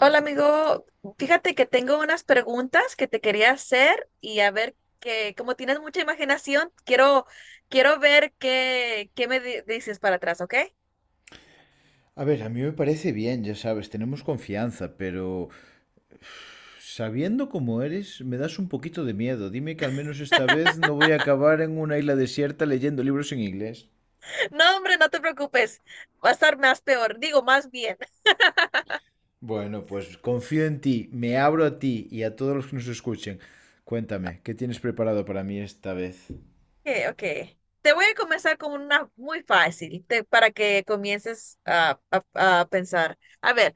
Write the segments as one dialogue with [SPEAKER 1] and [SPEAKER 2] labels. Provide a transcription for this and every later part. [SPEAKER 1] Hola amigo, fíjate que tengo unas preguntas que te quería hacer y a ver que como tienes mucha imaginación, quiero ver qué, dices para atrás, ¿ok?
[SPEAKER 2] A ver, a mí me parece bien, ya sabes, tenemos confianza, pero sabiendo cómo eres, me das un poquito de miedo. Dime que al menos esta vez no voy a acabar en una isla desierta leyendo libros en inglés.
[SPEAKER 1] No, hombre, no te preocupes, va a estar más peor, digo más bien.
[SPEAKER 2] Bueno, pues confío en ti, me abro a ti y a todos los que nos escuchen. Cuéntame, ¿qué tienes preparado para mí esta vez?
[SPEAKER 1] Okay. Ok. Te voy a comenzar con una muy fácil para que comiences a pensar. A ver,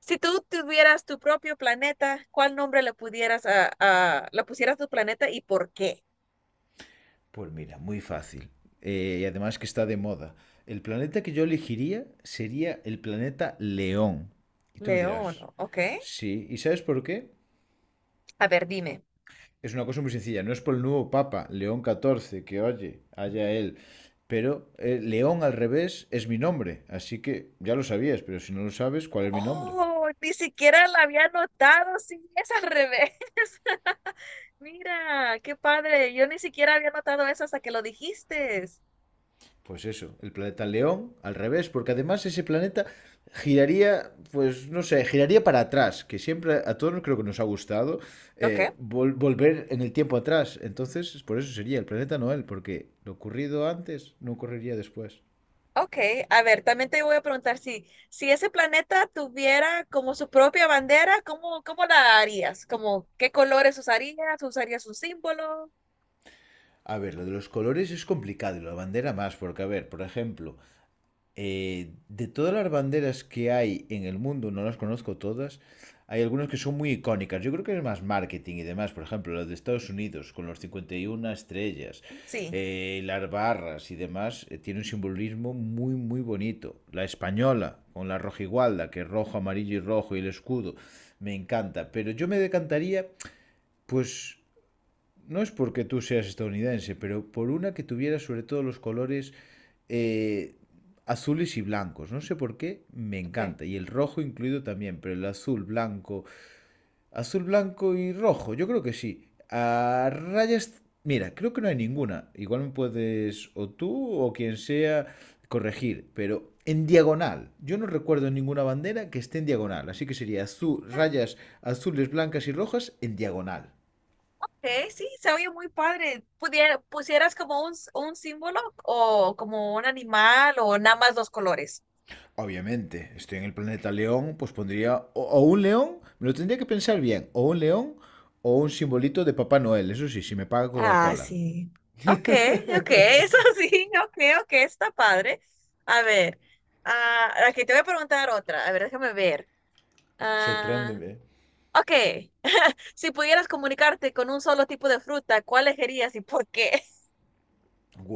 [SPEAKER 1] si tú tuvieras tu propio planeta, ¿cuál nombre le pusieras a tu planeta y por qué?
[SPEAKER 2] Pues mira, muy fácil. Y además que está de moda. El planeta que yo elegiría sería el planeta León. Y tú me
[SPEAKER 1] León,
[SPEAKER 2] dirás,
[SPEAKER 1] ¿ok?
[SPEAKER 2] sí, ¿y sabes por qué?
[SPEAKER 1] A ver, dime.
[SPEAKER 2] Es una cosa muy sencilla. No es por el nuevo Papa, León XIV que oye, haya él. Pero León al revés es mi nombre. Así que ya lo sabías, pero si no lo sabes, ¿cuál es mi nombre?
[SPEAKER 1] Oh, ni siquiera la había notado. Sí, es al revés. Mira, qué padre. Yo ni siquiera había notado eso hasta que lo dijiste.
[SPEAKER 2] Pues eso, el planeta León al revés, porque además ese planeta giraría, pues no sé, giraría para atrás, que siempre a todos creo que nos ha gustado
[SPEAKER 1] Ok,
[SPEAKER 2] volver en el tiempo atrás. Entonces, por eso sería el planeta Noel, porque lo ocurrido antes no ocurriría después.
[SPEAKER 1] ok. A ver, también te voy a preguntar si, si ese planeta tuviera como su propia bandera, ¿cómo, cómo la harías? Como, ¿qué colores usarías? ¿Usarías un símbolo?
[SPEAKER 2] A ver, lo de los colores es complicado y la bandera más, porque, a ver, por ejemplo, de todas las banderas que hay en el mundo, no las conozco todas, hay algunas que son muy icónicas. Yo creo que es más marketing y demás, por ejemplo, la de Estados Unidos con los 51 estrellas,
[SPEAKER 1] Sí.
[SPEAKER 2] las barras y demás, tiene un simbolismo muy, muy bonito. La española con la rojigualda, que es rojo, amarillo y rojo y el escudo, me encanta. Pero yo me decantaría, pues, no es porque tú seas estadounidense, pero por una que tuviera sobre todo los colores eh, azules y blancos. No sé por qué, me
[SPEAKER 1] Ok.
[SPEAKER 2] encanta. Y el rojo incluido también, pero el azul, blanco. Azul, blanco y rojo, yo creo que sí. A rayas, mira, creo que no hay ninguna. Igual me puedes, o tú o quien sea, corregir, pero en diagonal. Yo no recuerdo ninguna bandera que esté en diagonal, así que sería azul, rayas azules, blancas y rojas en diagonal.
[SPEAKER 1] Ok, sí, se oye muy padre. Pudiera, pusieras como un símbolo o como un animal o nada más dos colores.
[SPEAKER 2] Obviamente, estoy en el planeta león, pues pondría o un león, me lo tendría que pensar bien, o un león o un simbolito de Papá Noel, eso sí, si me paga
[SPEAKER 1] Ah,
[SPEAKER 2] Coca-Cola.
[SPEAKER 1] sí. Ok, ok, eso sí, ok, ok, está padre. A ver, ah, aquí te voy a preguntar otra. A ver, déjame ver. Ah,
[SPEAKER 2] Sorpréndeme.
[SPEAKER 1] ok, si pudieras comunicarte con un solo tipo de fruta, ¿cuál elegirías y por qué?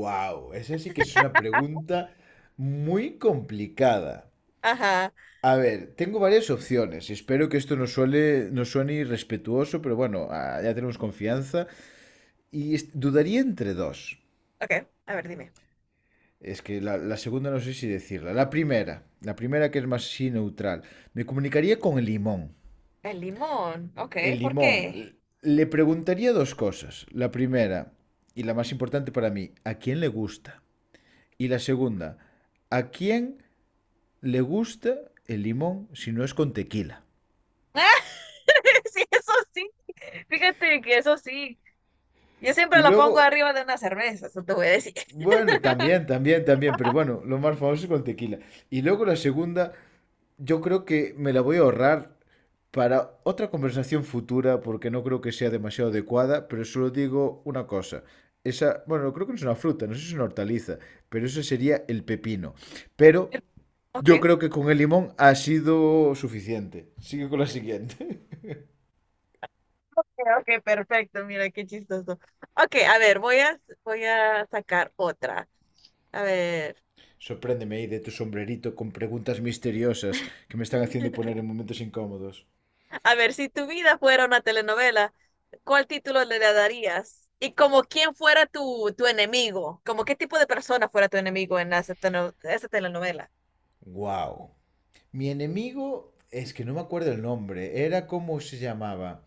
[SPEAKER 2] Wow, esa sí que es una pregunta muy complicada.
[SPEAKER 1] Ajá,
[SPEAKER 2] A ver, tengo varias opciones. Espero que esto no, suele, no suene irrespetuoso, pero bueno, ya tenemos confianza. Y dudaría entre dos.
[SPEAKER 1] ok, a ver, dime.
[SPEAKER 2] Es que la segunda no sé si decirla. La primera que es más sí neutral. Me comunicaría con el limón.
[SPEAKER 1] El limón, ok,
[SPEAKER 2] El
[SPEAKER 1] ¿por
[SPEAKER 2] limón.
[SPEAKER 1] qué?
[SPEAKER 2] Le preguntaría dos cosas. La primera, y la más importante para mí, ¿a quién le gusta? Y la segunda, ¿a quién le gusta el limón si no es con tequila?
[SPEAKER 1] Ah, sí, eso sí, fíjate que eso sí. Yo siempre
[SPEAKER 2] Y
[SPEAKER 1] lo pongo
[SPEAKER 2] luego
[SPEAKER 1] arriba de una cerveza, eso te voy a decir.
[SPEAKER 2] bueno, también, también, también, pero bueno, lo más famoso es con tequila. Y luego la segunda, yo creo que me la voy a ahorrar para otra conversación futura porque no creo que sea demasiado adecuada, pero solo digo una cosa. Esa, bueno, creo que no es una fruta, no sé si es una hortaliza, pero eso sería el pepino. Pero yo
[SPEAKER 1] Ok,
[SPEAKER 2] creo que con el limón ha sido suficiente. Sigue con la siguiente.
[SPEAKER 1] ok, perfecto, mira qué chistoso. Ok, a ver, voy a sacar otra. A ver,
[SPEAKER 2] Sorpréndeme ahí de tu sombrerito con preguntas misteriosas que me están haciendo poner en momentos incómodos.
[SPEAKER 1] a ver, si tu vida fuera una telenovela, ¿cuál título le darías? Y como quién fuera tu, tu enemigo, como qué tipo de persona fuera tu enemigo en esa telenovela.
[SPEAKER 2] ¡Guau! Mi enemigo, es que no me acuerdo el nombre, era cómo se llamaba.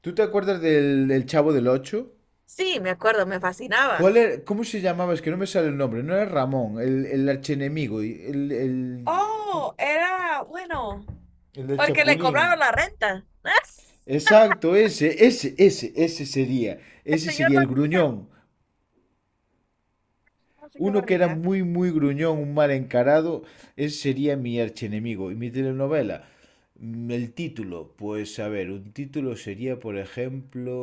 [SPEAKER 2] ¿Tú te acuerdas del Chavo del Ocho?
[SPEAKER 1] Sí, me acuerdo, me
[SPEAKER 2] ¿Cuál
[SPEAKER 1] fascinaba.
[SPEAKER 2] era, cómo se llamaba? Es que no me sale el nombre, no era Ramón, el archienemigo, y el, ¿cómo?
[SPEAKER 1] Oh, era bueno,
[SPEAKER 2] El del
[SPEAKER 1] porque le
[SPEAKER 2] Chapulín.
[SPEAKER 1] cobraron la renta. ¡Ah!
[SPEAKER 2] Exacto, ese,
[SPEAKER 1] El
[SPEAKER 2] ese
[SPEAKER 1] señor
[SPEAKER 2] sería el
[SPEAKER 1] Barriga.
[SPEAKER 2] gruñón.
[SPEAKER 1] El señor
[SPEAKER 2] Uno que era
[SPEAKER 1] Barriga.
[SPEAKER 2] muy, muy gruñón, un mal encarado, ese sería mi archienemigo. Y mi telenovela, el título, pues a ver, un título sería, por ejemplo...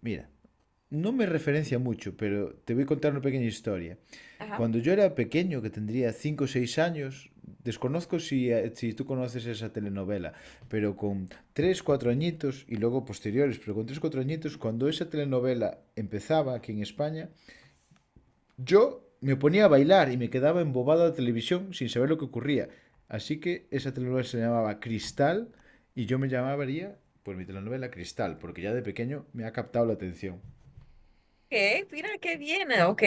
[SPEAKER 2] Mira, no me referencia mucho, pero te voy a contar una pequeña historia.
[SPEAKER 1] Ajá.
[SPEAKER 2] Cuando yo era pequeño, que tendría 5 o 6 años, desconozco si, si tú conoces esa telenovela, pero con 3 4 añitos y luego posteriores, pero con 3 4 añitos, cuando esa telenovela empezaba aquí en España, yo me ponía a bailar y me quedaba embobado a la televisión sin saber lo que ocurría. Así que esa telenovela se llamaba Cristal y yo me llamaría, pues mi telenovela Cristal, porque ya de pequeño me ha captado la atención.
[SPEAKER 1] Ok, mira qué bien. Ok,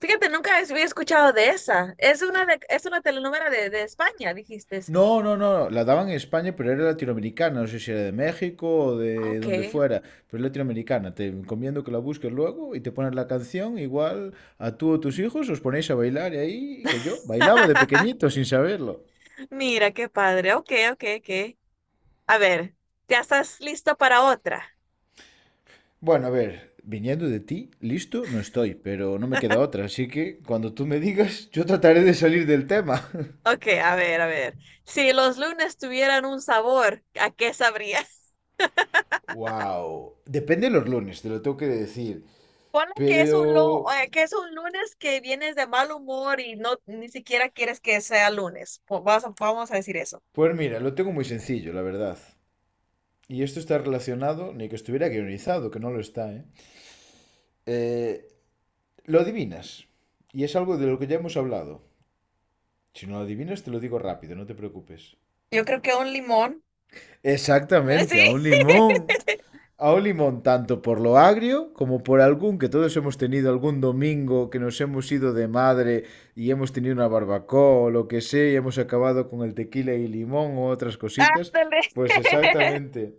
[SPEAKER 1] fíjate, nunca había escuchado de esa. Es es una telenovela de España, dijiste.
[SPEAKER 2] No, no, no, no, la daban en España, pero era latinoamericana, no sé si era de México o de
[SPEAKER 1] Ok.
[SPEAKER 2] donde fuera, pero es latinoamericana. Te encomiendo que la busques luego y te pones la canción, igual a tú o tus hijos os ponéis a bailar y ahí, que yo bailaba de pequeñito sin saberlo.
[SPEAKER 1] Mira, qué padre. Ok, ok, ok. A ver, ¿ya estás listo para otra?
[SPEAKER 2] Bueno, a ver, viniendo de ti, listo, no estoy, pero no me queda otra, así que cuando tú me digas, yo trataré de salir del tema.
[SPEAKER 1] Ok, a ver, a ver. Si los lunes tuvieran un sabor, ¿a qué sabría?
[SPEAKER 2] Wow, depende de los lunes, te lo tengo que decir,
[SPEAKER 1] Ponle que es un
[SPEAKER 2] pero
[SPEAKER 1] que es un lunes que vienes de mal humor y no ni siquiera quieres que sea lunes. Vamos a, vamos a decir eso.
[SPEAKER 2] pues mira, lo tengo muy sencillo, la verdad. Y esto está relacionado, ni que estuviera guionizado, que no lo está, ¿eh? Eh, lo adivinas. Y es algo de lo que ya hemos hablado. Si no lo adivinas, te lo digo rápido, no te preocupes.
[SPEAKER 1] Yo creo que un limón.
[SPEAKER 2] Exactamente,
[SPEAKER 1] Sí,
[SPEAKER 2] a un limón. A un limón, tanto por lo agrio como por algún que todos hemos tenido algún domingo que nos hemos ido de madre y hemos tenido una barbacoa o lo que sea y hemos acabado con el tequila y limón o otras cositas.
[SPEAKER 1] ándale.
[SPEAKER 2] Pues exactamente,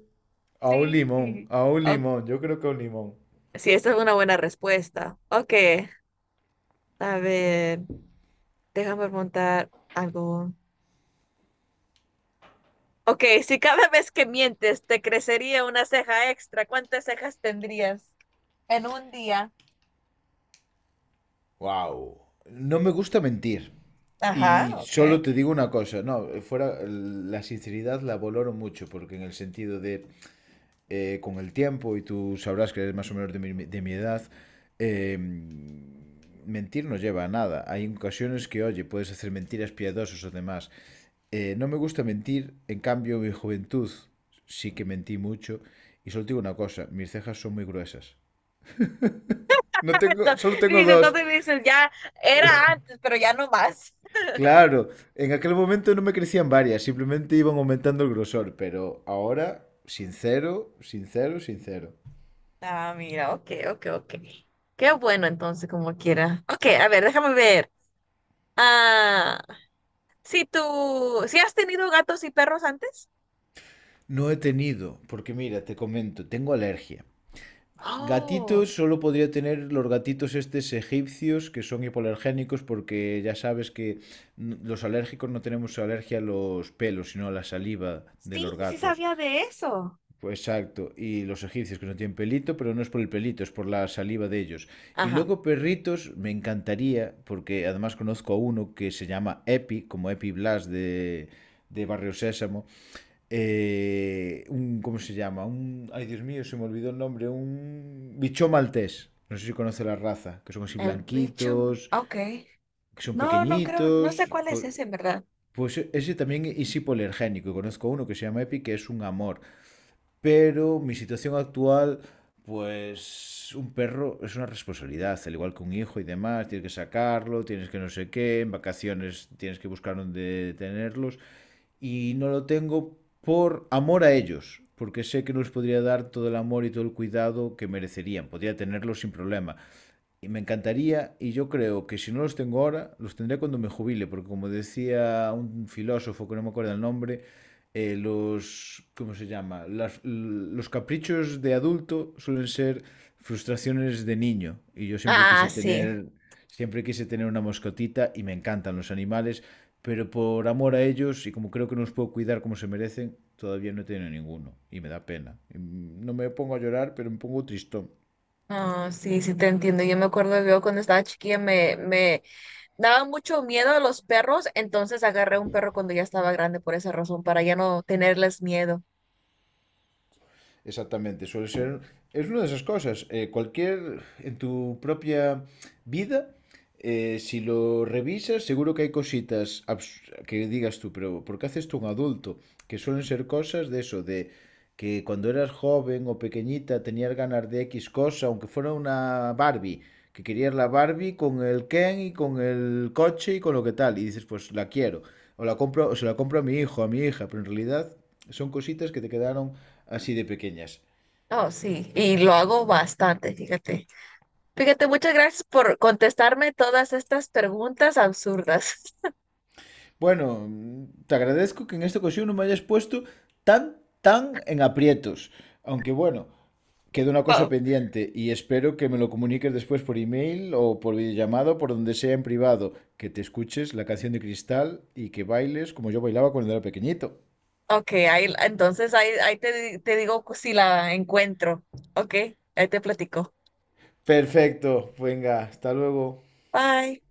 [SPEAKER 1] Sí.
[SPEAKER 2] a un
[SPEAKER 1] O-
[SPEAKER 2] limón, yo creo que a un limón.
[SPEAKER 1] sí, esta es una buena respuesta. Ok, a ver, déjame preguntar algo. Ok, si cada vez que mientes te crecería una ceja extra, ¿cuántas cejas tendrías en un día?
[SPEAKER 2] Wow. No me gusta mentir.
[SPEAKER 1] Ajá,
[SPEAKER 2] Y
[SPEAKER 1] ok.
[SPEAKER 2] solo te digo una cosa, no, fuera la sinceridad la valoro mucho, porque en el sentido de con el tiempo, y tú sabrás que eres más o menos de mi edad, eh, mentir no lleva a nada. Hay ocasiones que, oye, puedes hacer mentiras piadosas o demás. No me gusta mentir, en cambio, en mi juventud sí que mentí mucho. Y solo te digo una cosa, mis cejas son muy gruesas. No tengo,
[SPEAKER 1] Ento-
[SPEAKER 2] solo tengo
[SPEAKER 1] Dice,
[SPEAKER 2] dos.
[SPEAKER 1] entonces dices, ya era antes, pero ya no más.
[SPEAKER 2] Claro, en aquel momento no me crecían varias, simplemente iban aumentando el grosor, pero ahora, sincero, sincero, sincero.
[SPEAKER 1] Ah, mira, ok, ok, ok. Qué bueno entonces, como quiera. Ok, a ver, déjame ver. Ah, si tú, ¿si has tenido gatos y perros antes?
[SPEAKER 2] No he tenido, porque mira, te comento, tengo alergia.
[SPEAKER 1] Oh.
[SPEAKER 2] Gatitos solo podría tener los gatitos estos egipcios que son hipoalergénicos porque ya sabes que los alérgicos no tenemos alergia a los pelos, sino a la saliva de
[SPEAKER 1] Sí,
[SPEAKER 2] los
[SPEAKER 1] sí
[SPEAKER 2] gatos.
[SPEAKER 1] sabía de eso.
[SPEAKER 2] Pues exacto. Y los egipcios que no tienen pelito, pero no es por el pelito, es por la saliva de ellos. Y
[SPEAKER 1] Ajá,
[SPEAKER 2] luego perritos, me encantaría, porque además conozco a uno que se llama Epi, como Epi Blas de Barrio Sésamo. Un, ¿cómo se llama? Un, ay, Dios mío, se me olvidó el nombre. Un bichón maltés. No sé si conoce la raza, que son así
[SPEAKER 1] el bicho,
[SPEAKER 2] blanquitos,
[SPEAKER 1] ok.
[SPEAKER 2] que son
[SPEAKER 1] No, no creo, no sé
[SPEAKER 2] pequeñitos.
[SPEAKER 1] cuál es
[SPEAKER 2] Pues,
[SPEAKER 1] ese, en verdad.
[SPEAKER 2] pues ese también es hipoalergénico. Y conozco a uno que se llama Epi, que es un amor pero mi situación actual, pues un perro es una responsabilidad, al igual que un hijo y demás, tienes que sacarlo, tienes que no sé qué, en vacaciones tienes que buscar dónde tenerlos y no lo tengo por amor a ellos, porque sé que no les podría dar todo el amor y todo el cuidado que merecerían, podría tenerlos sin problema, y me encantaría, y yo creo que si no los tengo ahora, los tendré cuando me jubile, porque como decía un filósofo que no me acuerdo el nombre, ¿cómo se llama? Los caprichos de adulto suelen ser frustraciones de niño. Y yo
[SPEAKER 1] Ah, sí.
[SPEAKER 2] siempre quise tener una mascotita y me encantan los animales, pero por amor a ellos y como creo que no los puedo cuidar como se merecen, todavía no he tenido ninguno y me da pena. Y, no me pongo a llorar, pero me pongo tristón.
[SPEAKER 1] Ah, sí, sí te entiendo. Yo me acuerdo yo cuando estaba chiquilla me daba mucho miedo a los perros, entonces agarré un perro cuando ya estaba grande por esa razón, para ya no tenerles miedo.
[SPEAKER 2] Exactamente, suele ser... Es una de esas cosas. Cualquier... En tu propia vida, si lo revisas, seguro que hay cositas que digas tú, pero ¿por qué haces tú un adulto? Que suelen ser cosas de eso, de que cuando eras joven o pequeñita tenías ganas de X cosa, aunque fuera una Barbie, que querías la Barbie con el Ken y con el coche y con lo que tal, y dices, pues la quiero, o la compro, o se la compro a mi hijo, a mi hija, pero en realidad son cositas que te quedaron así de pequeñas.
[SPEAKER 1] Oh, sí, y lo hago bastante, fíjate. Fíjate, muchas gracias por contestarme todas estas preguntas absurdas.
[SPEAKER 2] Bueno, te agradezco que en esta ocasión no me hayas puesto tan, tan en aprietos. Aunque bueno, queda una cosa pendiente y espero que me lo comuniques después por email o por videollamado, por donde sea en privado, que te escuches la canción de Cristal y que bailes como yo bailaba cuando era pequeñito.
[SPEAKER 1] Ok, ahí, entonces ahí, te digo si la encuentro. Ok, ahí te platico.
[SPEAKER 2] Perfecto, venga, hasta luego.
[SPEAKER 1] Bye.